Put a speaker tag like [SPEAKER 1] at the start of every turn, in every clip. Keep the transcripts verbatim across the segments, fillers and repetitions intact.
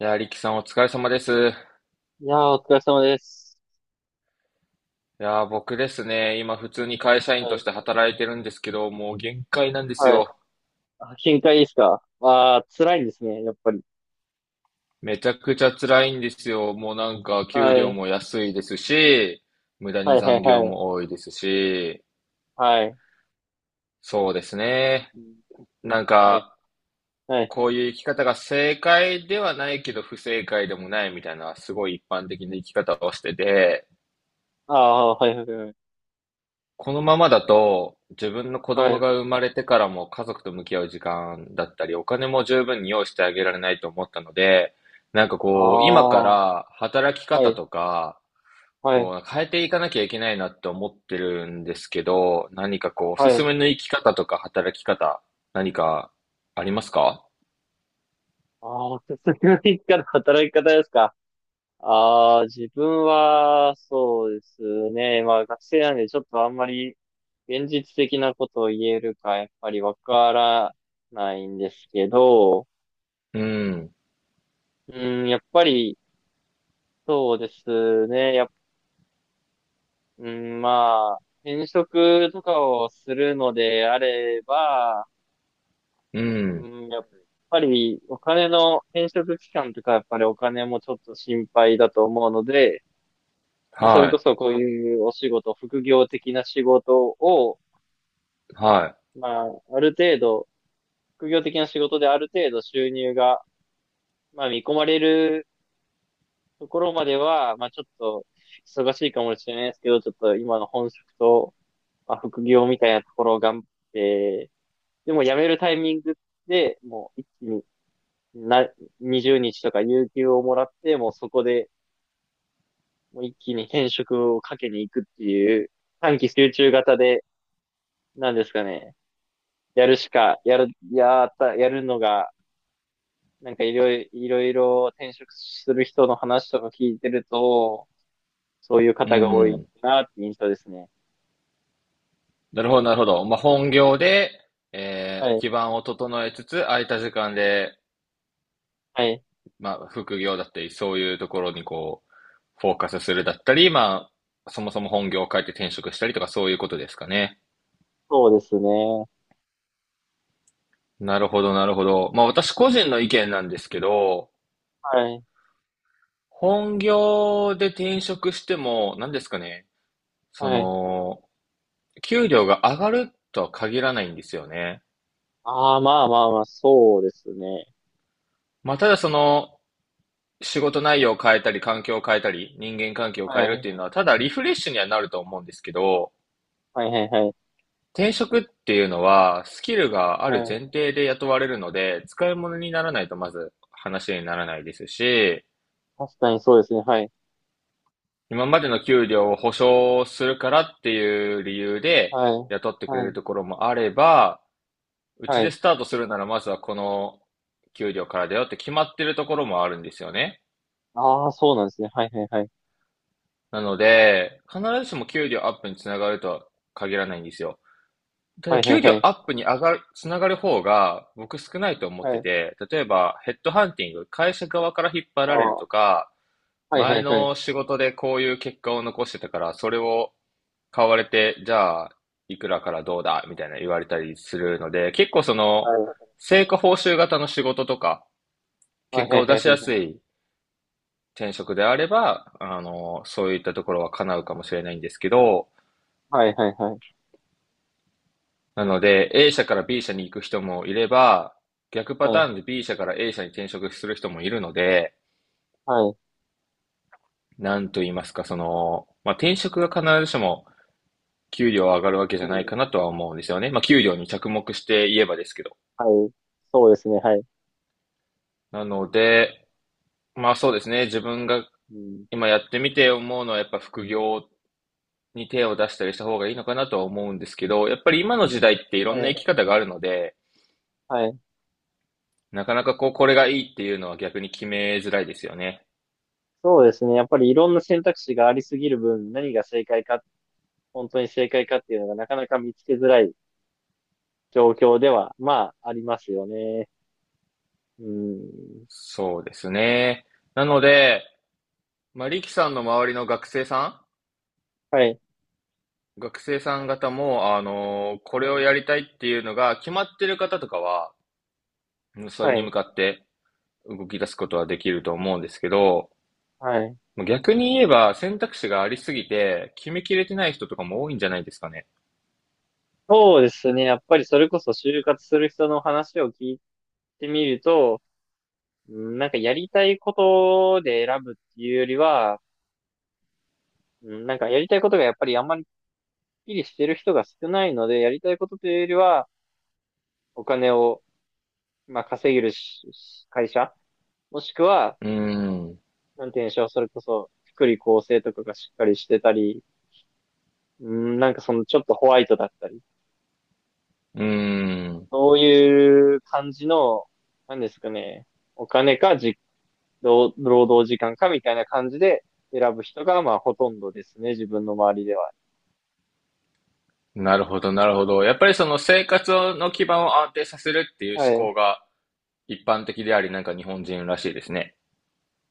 [SPEAKER 1] いやー、リキさんお疲れ様です。い
[SPEAKER 2] いやー、お疲れ様です。
[SPEAKER 1] やー、僕ですね、今普通に会社員
[SPEAKER 2] は
[SPEAKER 1] とし
[SPEAKER 2] い。
[SPEAKER 1] て働いてるんですけど、もう限界なんです
[SPEAKER 2] はい。
[SPEAKER 1] よ。
[SPEAKER 2] あ、深海ですか。ああー、辛いんですね、やっぱり。
[SPEAKER 1] めちゃくちゃ辛いんですよ。もうなんか給
[SPEAKER 2] は
[SPEAKER 1] 料
[SPEAKER 2] い。
[SPEAKER 1] も安いですし、無駄
[SPEAKER 2] は
[SPEAKER 1] に
[SPEAKER 2] い、は
[SPEAKER 1] 残
[SPEAKER 2] い、
[SPEAKER 1] 業
[SPEAKER 2] はい。
[SPEAKER 1] も多いですし、
[SPEAKER 2] はい。
[SPEAKER 1] そうですね。
[SPEAKER 2] うん。
[SPEAKER 1] なん
[SPEAKER 2] はい。
[SPEAKER 1] か、
[SPEAKER 2] はい。
[SPEAKER 1] こういう生き方が正解ではないけど不正解でもないみたいな、すごい一般的な生き方をしてて、
[SPEAKER 2] ああ、はい、はい、はい。
[SPEAKER 1] このままだと、自分の子
[SPEAKER 2] は
[SPEAKER 1] 供
[SPEAKER 2] い。
[SPEAKER 1] が生まれてからも家族と向き合う時間だったり、お金も十分に用意してあげられないと思ったので、なんか
[SPEAKER 2] あ
[SPEAKER 1] こう、今か
[SPEAKER 2] あ、は
[SPEAKER 1] ら働き
[SPEAKER 2] い、
[SPEAKER 1] 方とか、
[SPEAKER 2] はい、
[SPEAKER 1] こう、変えていかなきゃいけないなって思ってるんですけど、何かこう、お
[SPEAKER 2] は
[SPEAKER 1] すす
[SPEAKER 2] い。
[SPEAKER 1] めの生き方とか働き方、何かありますか？
[SPEAKER 2] ああ、手先の一家の働き方ですか。ああー、自分は、そうですね。まあ、学生なんで、ちょっとあんまり、現実的なことを言えるか、やっぱりわからないんですけど、
[SPEAKER 1] うん、
[SPEAKER 2] うん、やっぱり、そうですね。やっ、うん、まあ、転職とかをするのであれば、
[SPEAKER 1] う
[SPEAKER 2] う
[SPEAKER 1] ん、
[SPEAKER 2] ん、やっぱりお金の転職期間とか、やっぱりお金もちょっと心配だと思うので、まあ、それこ
[SPEAKER 1] は
[SPEAKER 2] そこういうお仕事、副業的な仕事を、
[SPEAKER 1] い、は
[SPEAKER 2] まあ、ある程度、副業的な仕事である程度収入が、まあ、見込まれるところまでは、まあ、ちょっと忙しいかもしれないですけど、ちょっと今の本職と、まあ、副業みたいなところを頑張って、でも辞めるタイミングで、もう一気にな、はつかかんとか有給をもらって、もうそこで、もう一気に転職をかけに行くっていう、短期集中型で、なんですかね、やるしか、やる、やった、やるのが、なんかいろいろ、いろいろ転職する人の話とか聞いてると、そういう
[SPEAKER 1] い、う
[SPEAKER 2] 方が多い
[SPEAKER 1] ん。
[SPEAKER 2] なって印象ですね。
[SPEAKER 1] なるほど、なるほど。まあ、本業で、
[SPEAKER 2] は
[SPEAKER 1] えー
[SPEAKER 2] い。
[SPEAKER 1] 基盤を整えつつ、空いた時間で
[SPEAKER 2] はい。
[SPEAKER 1] まあ、副業だったり、そういうところにこう、フォーカスするだったり、まあ、そもそも本業を変えて転職したりとか、そういうことですかね。
[SPEAKER 2] そうですね。
[SPEAKER 1] なるほど、なるほど。まあ、私個人の意見なんですけど、
[SPEAKER 2] はい。
[SPEAKER 1] 本業で転職しても、何ですかね、そ
[SPEAKER 2] はい。
[SPEAKER 1] の、給料が上がるとは限らないんですよね。
[SPEAKER 2] ああ、まあまあまあ、そうですね。
[SPEAKER 1] まあ、ただその、仕事内容を変えたり、環境を変えたり、人間関係を
[SPEAKER 2] は
[SPEAKER 1] 変えるっ
[SPEAKER 2] い。
[SPEAKER 1] ていうのは、ただリフレッシュにはなると思うんですけど、
[SPEAKER 2] はいはいはい。
[SPEAKER 1] 転職っていうのは、スキルがあ
[SPEAKER 2] は
[SPEAKER 1] る前
[SPEAKER 2] い。
[SPEAKER 1] 提で雇われるので、使い物にならないとまず話にならないですし、
[SPEAKER 2] 確かにそうですね。はい。
[SPEAKER 1] 今までの給料を保証するからっていう理由で
[SPEAKER 2] はい。
[SPEAKER 1] 雇ってくれ
[SPEAKER 2] は
[SPEAKER 1] る
[SPEAKER 2] い。
[SPEAKER 1] ところもあれば、うち
[SPEAKER 2] は
[SPEAKER 1] で
[SPEAKER 2] い。
[SPEAKER 1] スタートするならまずはこの給料からだよって決まってるところもあるんですよね。
[SPEAKER 2] ああ、そうなんですね。はいはいはい。
[SPEAKER 1] なので、必ずしも給料アップにつながるとは限らないんですよ。た
[SPEAKER 2] は
[SPEAKER 1] だ
[SPEAKER 2] いは
[SPEAKER 1] 給
[SPEAKER 2] い
[SPEAKER 1] 料
[SPEAKER 2] はい。
[SPEAKER 1] アップに上がる、つながる方が僕少ないと思っ
[SPEAKER 2] は
[SPEAKER 1] て
[SPEAKER 2] い。
[SPEAKER 1] て、例えばヘッドハンティング、会社側から引っ張
[SPEAKER 2] ああ、
[SPEAKER 1] られると
[SPEAKER 2] は
[SPEAKER 1] か、
[SPEAKER 2] いは
[SPEAKER 1] 前
[SPEAKER 2] いはい。
[SPEAKER 1] の仕事でこういう結果を残してたから、それを買われて、じゃあ、いくらからどうだみたいな言われたりするので、結構そ
[SPEAKER 2] は
[SPEAKER 1] の、
[SPEAKER 2] い。
[SPEAKER 1] 成果報酬型の仕事とか、
[SPEAKER 2] はい
[SPEAKER 1] 結
[SPEAKER 2] は
[SPEAKER 1] 果
[SPEAKER 2] い
[SPEAKER 1] を
[SPEAKER 2] は
[SPEAKER 1] 出しやす
[SPEAKER 2] い。
[SPEAKER 1] い転職であれば、あの、そういったところは叶うかもしれないんですけど、
[SPEAKER 2] はいはいはい。
[SPEAKER 1] なので、A 社から B 社に行く人もいれば、逆パ
[SPEAKER 2] は
[SPEAKER 1] タ
[SPEAKER 2] い。
[SPEAKER 1] ーンで B 社から エー 社に転職する人もいるので、
[SPEAKER 2] はい。
[SPEAKER 1] なんと言いますか、その、まあ、転職が必ずしも給料上がるわけじ
[SPEAKER 2] う
[SPEAKER 1] ゃないかな
[SPEAKER 2] ん、
[SPEAKER 1] とは思うんですよね。まあ、給料に着目して言えばですけど。
[SPEAKER 2] はい。そうですね。はい。
[SPEAKER 1] なので、まあそうですね、自分が
[SPEAKER 2] うん。
[SPEAKER 1] 今やってみて思うのはやっぱ副業に手を出したりした方がいいのかなとは思うんですけど、やっぱり今の時代っていろ
[SPEAKER 2] は
[SPEAKER 1] んな生き
[SPEAKER 2] い。
[SPEAKER 1] 方があるので、
[SPEAKER 2] はい。
[SPEAKER 1] なかなかこう、これがいいっていうのは逆に決めづらいですよね。
[SPEAKER 2] そうですね。やっぱりいろんな選択肢がありすぎる分、何が正解か、本当に正解かっていうのがなかなか見つけづらい状況では、まあ、ありますよね。うん。
[SPEAKER 1] そうですね。なので、まあ、リキさんの周りの学生さ
[SPEAKER 2] はい。
[SPEAKER 1] ん、学生さん方も、あのーこ
[SPEAKER 2] は
[SPEAKER 1] れを
[SPEAKER 2] い。
[SPEAKER 1] やりたいっていうのが決まってる方とかは、うん、そ
[SPEAKER 2] は
[SPEAKER 1] れに向
[SPEAKER 2] い。
[SPEAKER 1] かって動き出すことはできると思うんですけど、
[SPEAKER 2] はい。
[SPEAKER 1] 逆に言えば選択肢がありすぎて、決めきれてない人とかも多いんじゃないですかね。
[SPEAKER 2] そうですね。やっぱりそれこそ就活する人の話を聞いてみると、うんなんかやりたいことで選ぶっていうよりは、うんなんかやりたいことがやっぱりあんまりきっきりしてる人が少ないので、やりたいことというよりは、お金を、まあ、稼げるしし会社、もしくは、
[SPEAKER 1] うーん。
[SPEAKER 2] なんて言うんでしょう、それこそ、福利厚生とかがしっかりしてたり、うんなんかそのちょっとホワイトだったり。
[SPEAKER 1] うーん。
[SPEAKER 2] そういう感じの、なんですかね、お金かじ、労労働時間かみたいな感じで選ぶ人が、まあ、ほとんどですね、自分の周りでは。
[SPEAKER 1] なるほど、なるほど。やっぱりその生活の基盤を安定させるっていう
[SPEAKER 2] はい。
[SPEAKER 1] 思考が一般的であり、なんか日本人らしいですね。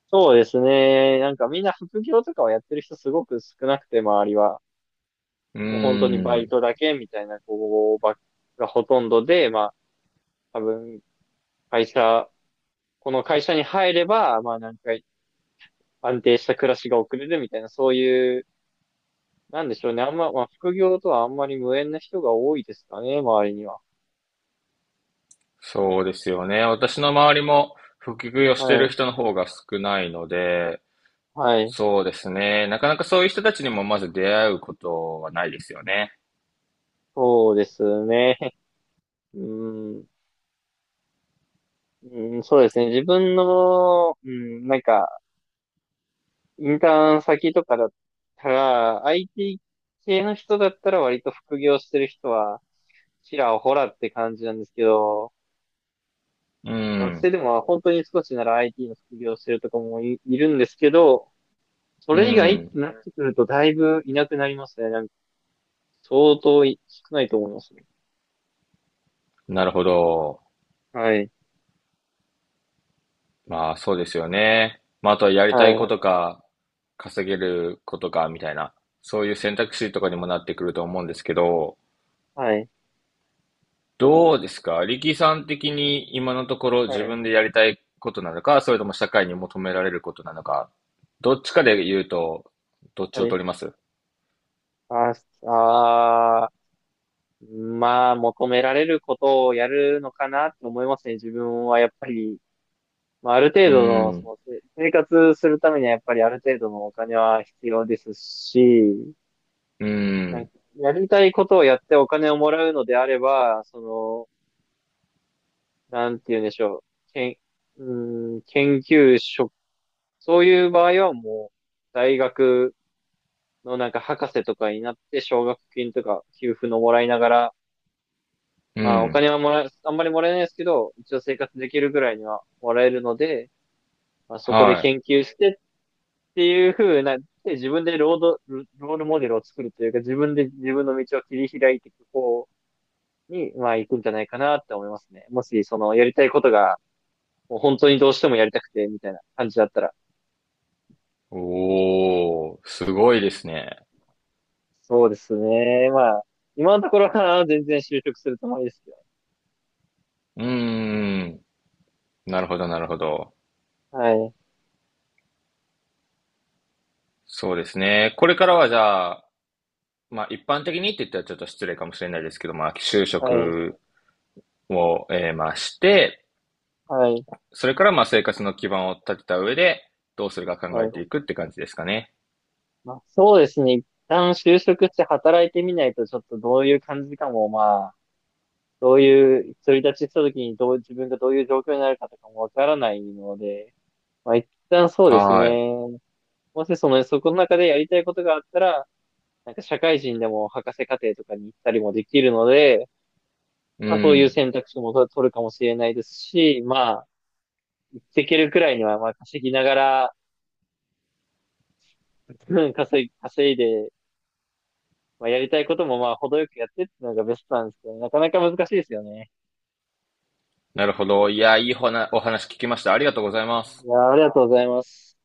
[SPEAKER 2] そうですね。なんかみんな副業とかをやってる人すごく少なくて、周りは。
[SPEAKER 1] う
[SPEAKER 2] もう本当に
[SPEAKER 1] ー
[SPEAKER 2] バイ
[SPEAKER 1] ん。
[SPEAKER 2] トだけみたいな子ばっがほとんどで、まあ、多分、会社、この会社に入れば、まあ、なんか安定した暮らしが送れるみたいな、そういうなんでしょうね。あんま、まあ、副業とはあんまり無縁な人が多いですかね、周りには。
[SPEAKER 1] そうですよね。私の周りも副業し
[SPEAKER 2] は
[SPEAKER 1] てる
[SPEAKER 2] い。
[SPEAKER 1] 人の方が少ないので、
[SPEAKER 2] はい。
[SPEAKER 1] そうですね。なかなかそういう人たちにもまず出会うことはないですよね。
[SPEAKER 2] そうですね。うん。うん、そうですね。自分の、うん、なんか、インターン先とかだったら、アイティー 系の人だったら割と副業してる人は、ちらほらって感じなんですけど、
[SPEAKER 1] う
[SPEAKER 2] 学
[SPEAKER 1] ん。
[SPEAKER 2] 生でも本当に少しなら アイティー の副業してるとかもい、いるんですけど、そ
[SPEAKER 1] う
[SPEAKER 2] れ以外って
[SPEAKER 1] ん。
[SPEAKER 2] なってくるとだいぶいなくなりますね。相当い少ないと思いますね。
[SPEAKER 1] なるほど。
[SPEAKER 2] はい。
[SPEAKER 1] まあそうですよね。まああとはやりたい
[SPEAKER 2] は
[SPEAKER 1] こ
[SPEAKER 2] い。
[SPEAKER 1] とか、稼げることかみたいな、そういう選択肢とかにもなってくると思うんですけど、
[SPEAKER 2] はい。
[SPEAKER 1] どうですか力さん的に今のところ
[SPEAKER 2] はい。
[SPEAKER 1] 自分でやりたいことなのか、それとも社会に求められることなのか、どっちかで言うと、どっち
[SPEAKER 2] は
[SPEAKER 1] を
[SPEAKER 2] い。
[SPEAKER 1] 取ります？
[SPEAKER 2] あああー、まあ、求められることをやるのかなって思いますね。自分はやっぱり、まあ、ある
[SPEAKER 1] う
[SPEAKER 2] 程
[SPEAKER 1] ー
[SPEAKER 2] 度の、そ
[SPEAKER 1] ん、
[SPEAKER 2] の、せ生活するためにはやっぱりある程度のお金は必要ですし、
[SPEAKER 1] うー
[SPEAKER 2] なんか、
[SPEAKER 1] ん、
[SPEAKER 2] やりたいことをやってお金をもらうのであれば、その、なんて言うんでしょう。けん、うーん、研究職、そういう場合はもう、大学のなんか博士とかになって奨学金とか給付のもらいながら、
[SPEAKER 1] うー
[SPEAKER 2] まあお
[SPEAKER 1] ん、
[SPEAKER 2] 金はもらえ、あんまりもらえないですけど、一応生活できるぐらいにはもらえるので、まあ、そこで
[SPEAKER 1] はい。
[SPEAKER 2] 研究してっていう風な、で自分でロード、ロールモデルを作るというか、自分で自分の道を切り開いていく方に、まあ行くんじゃないかなって思いますね。もしそのやりたいことが、もう本当にどうしてもやりたくてみたいな感じだったら。
[SPEAKER 1] おー、すごいですね。
[SPEAKER 2] そうですね。まあ、今のところは全然就職するつもりですけどね。
[SPEAKER 1] うーん、なるほど、なるほど。
[SPEAKER 2] はい。
[SPEAKER 1] そうですね。これからはじゃあ、まあ一般的にって言ったらちょっと失礼かもしれないですけど、まあ就
[SPEAKER 2] はい。
[SPEAKER 1] 職を、えーまあして、
[SPEAKER 2] はい。
[SPEAKER 1] それからまあ生活の基盤を立てた上で、どうするか
[SPEAKER 2] は
[SPEAKER 1] 考え
[SPEAKER 2] い。
[SPEAKER 1] ていくって感じですかね。
[SPEAKER 2] まあ、そうですね。一旦就職して働いてみないと、ちょっとどういう感じかも、まあ、どういう、独り立ちした時にどう、自分がどういう状況になるかとかもわからないので、まあ、一旦そうです
[SPEAKER 1] はーい。
[SPEAKER 2] ね。もしその、そこの中でやりたいことがあったら、なんか社会人でも博士課程とかに行ったりもできるので、
[SPEAKER 1] う
[SPEAKER 2] まあ、そういう
[SPEAKER 1] ん。
[SPEAKER 2] 選択肢もと取るかもしれないですし、まあ、できるくらいには、まあ、稼ぎながら、うん稼い、稼いで、まあ、やりたいこともまあ、程よくやってっていうのがベストなんですけどね、なかなか難しいですよね。
[SPEAKER 1] なるほど。いや、いいほなお話聞きました。ありがとうございます。
[SPEAKER 2] いやー、ありがとうございます。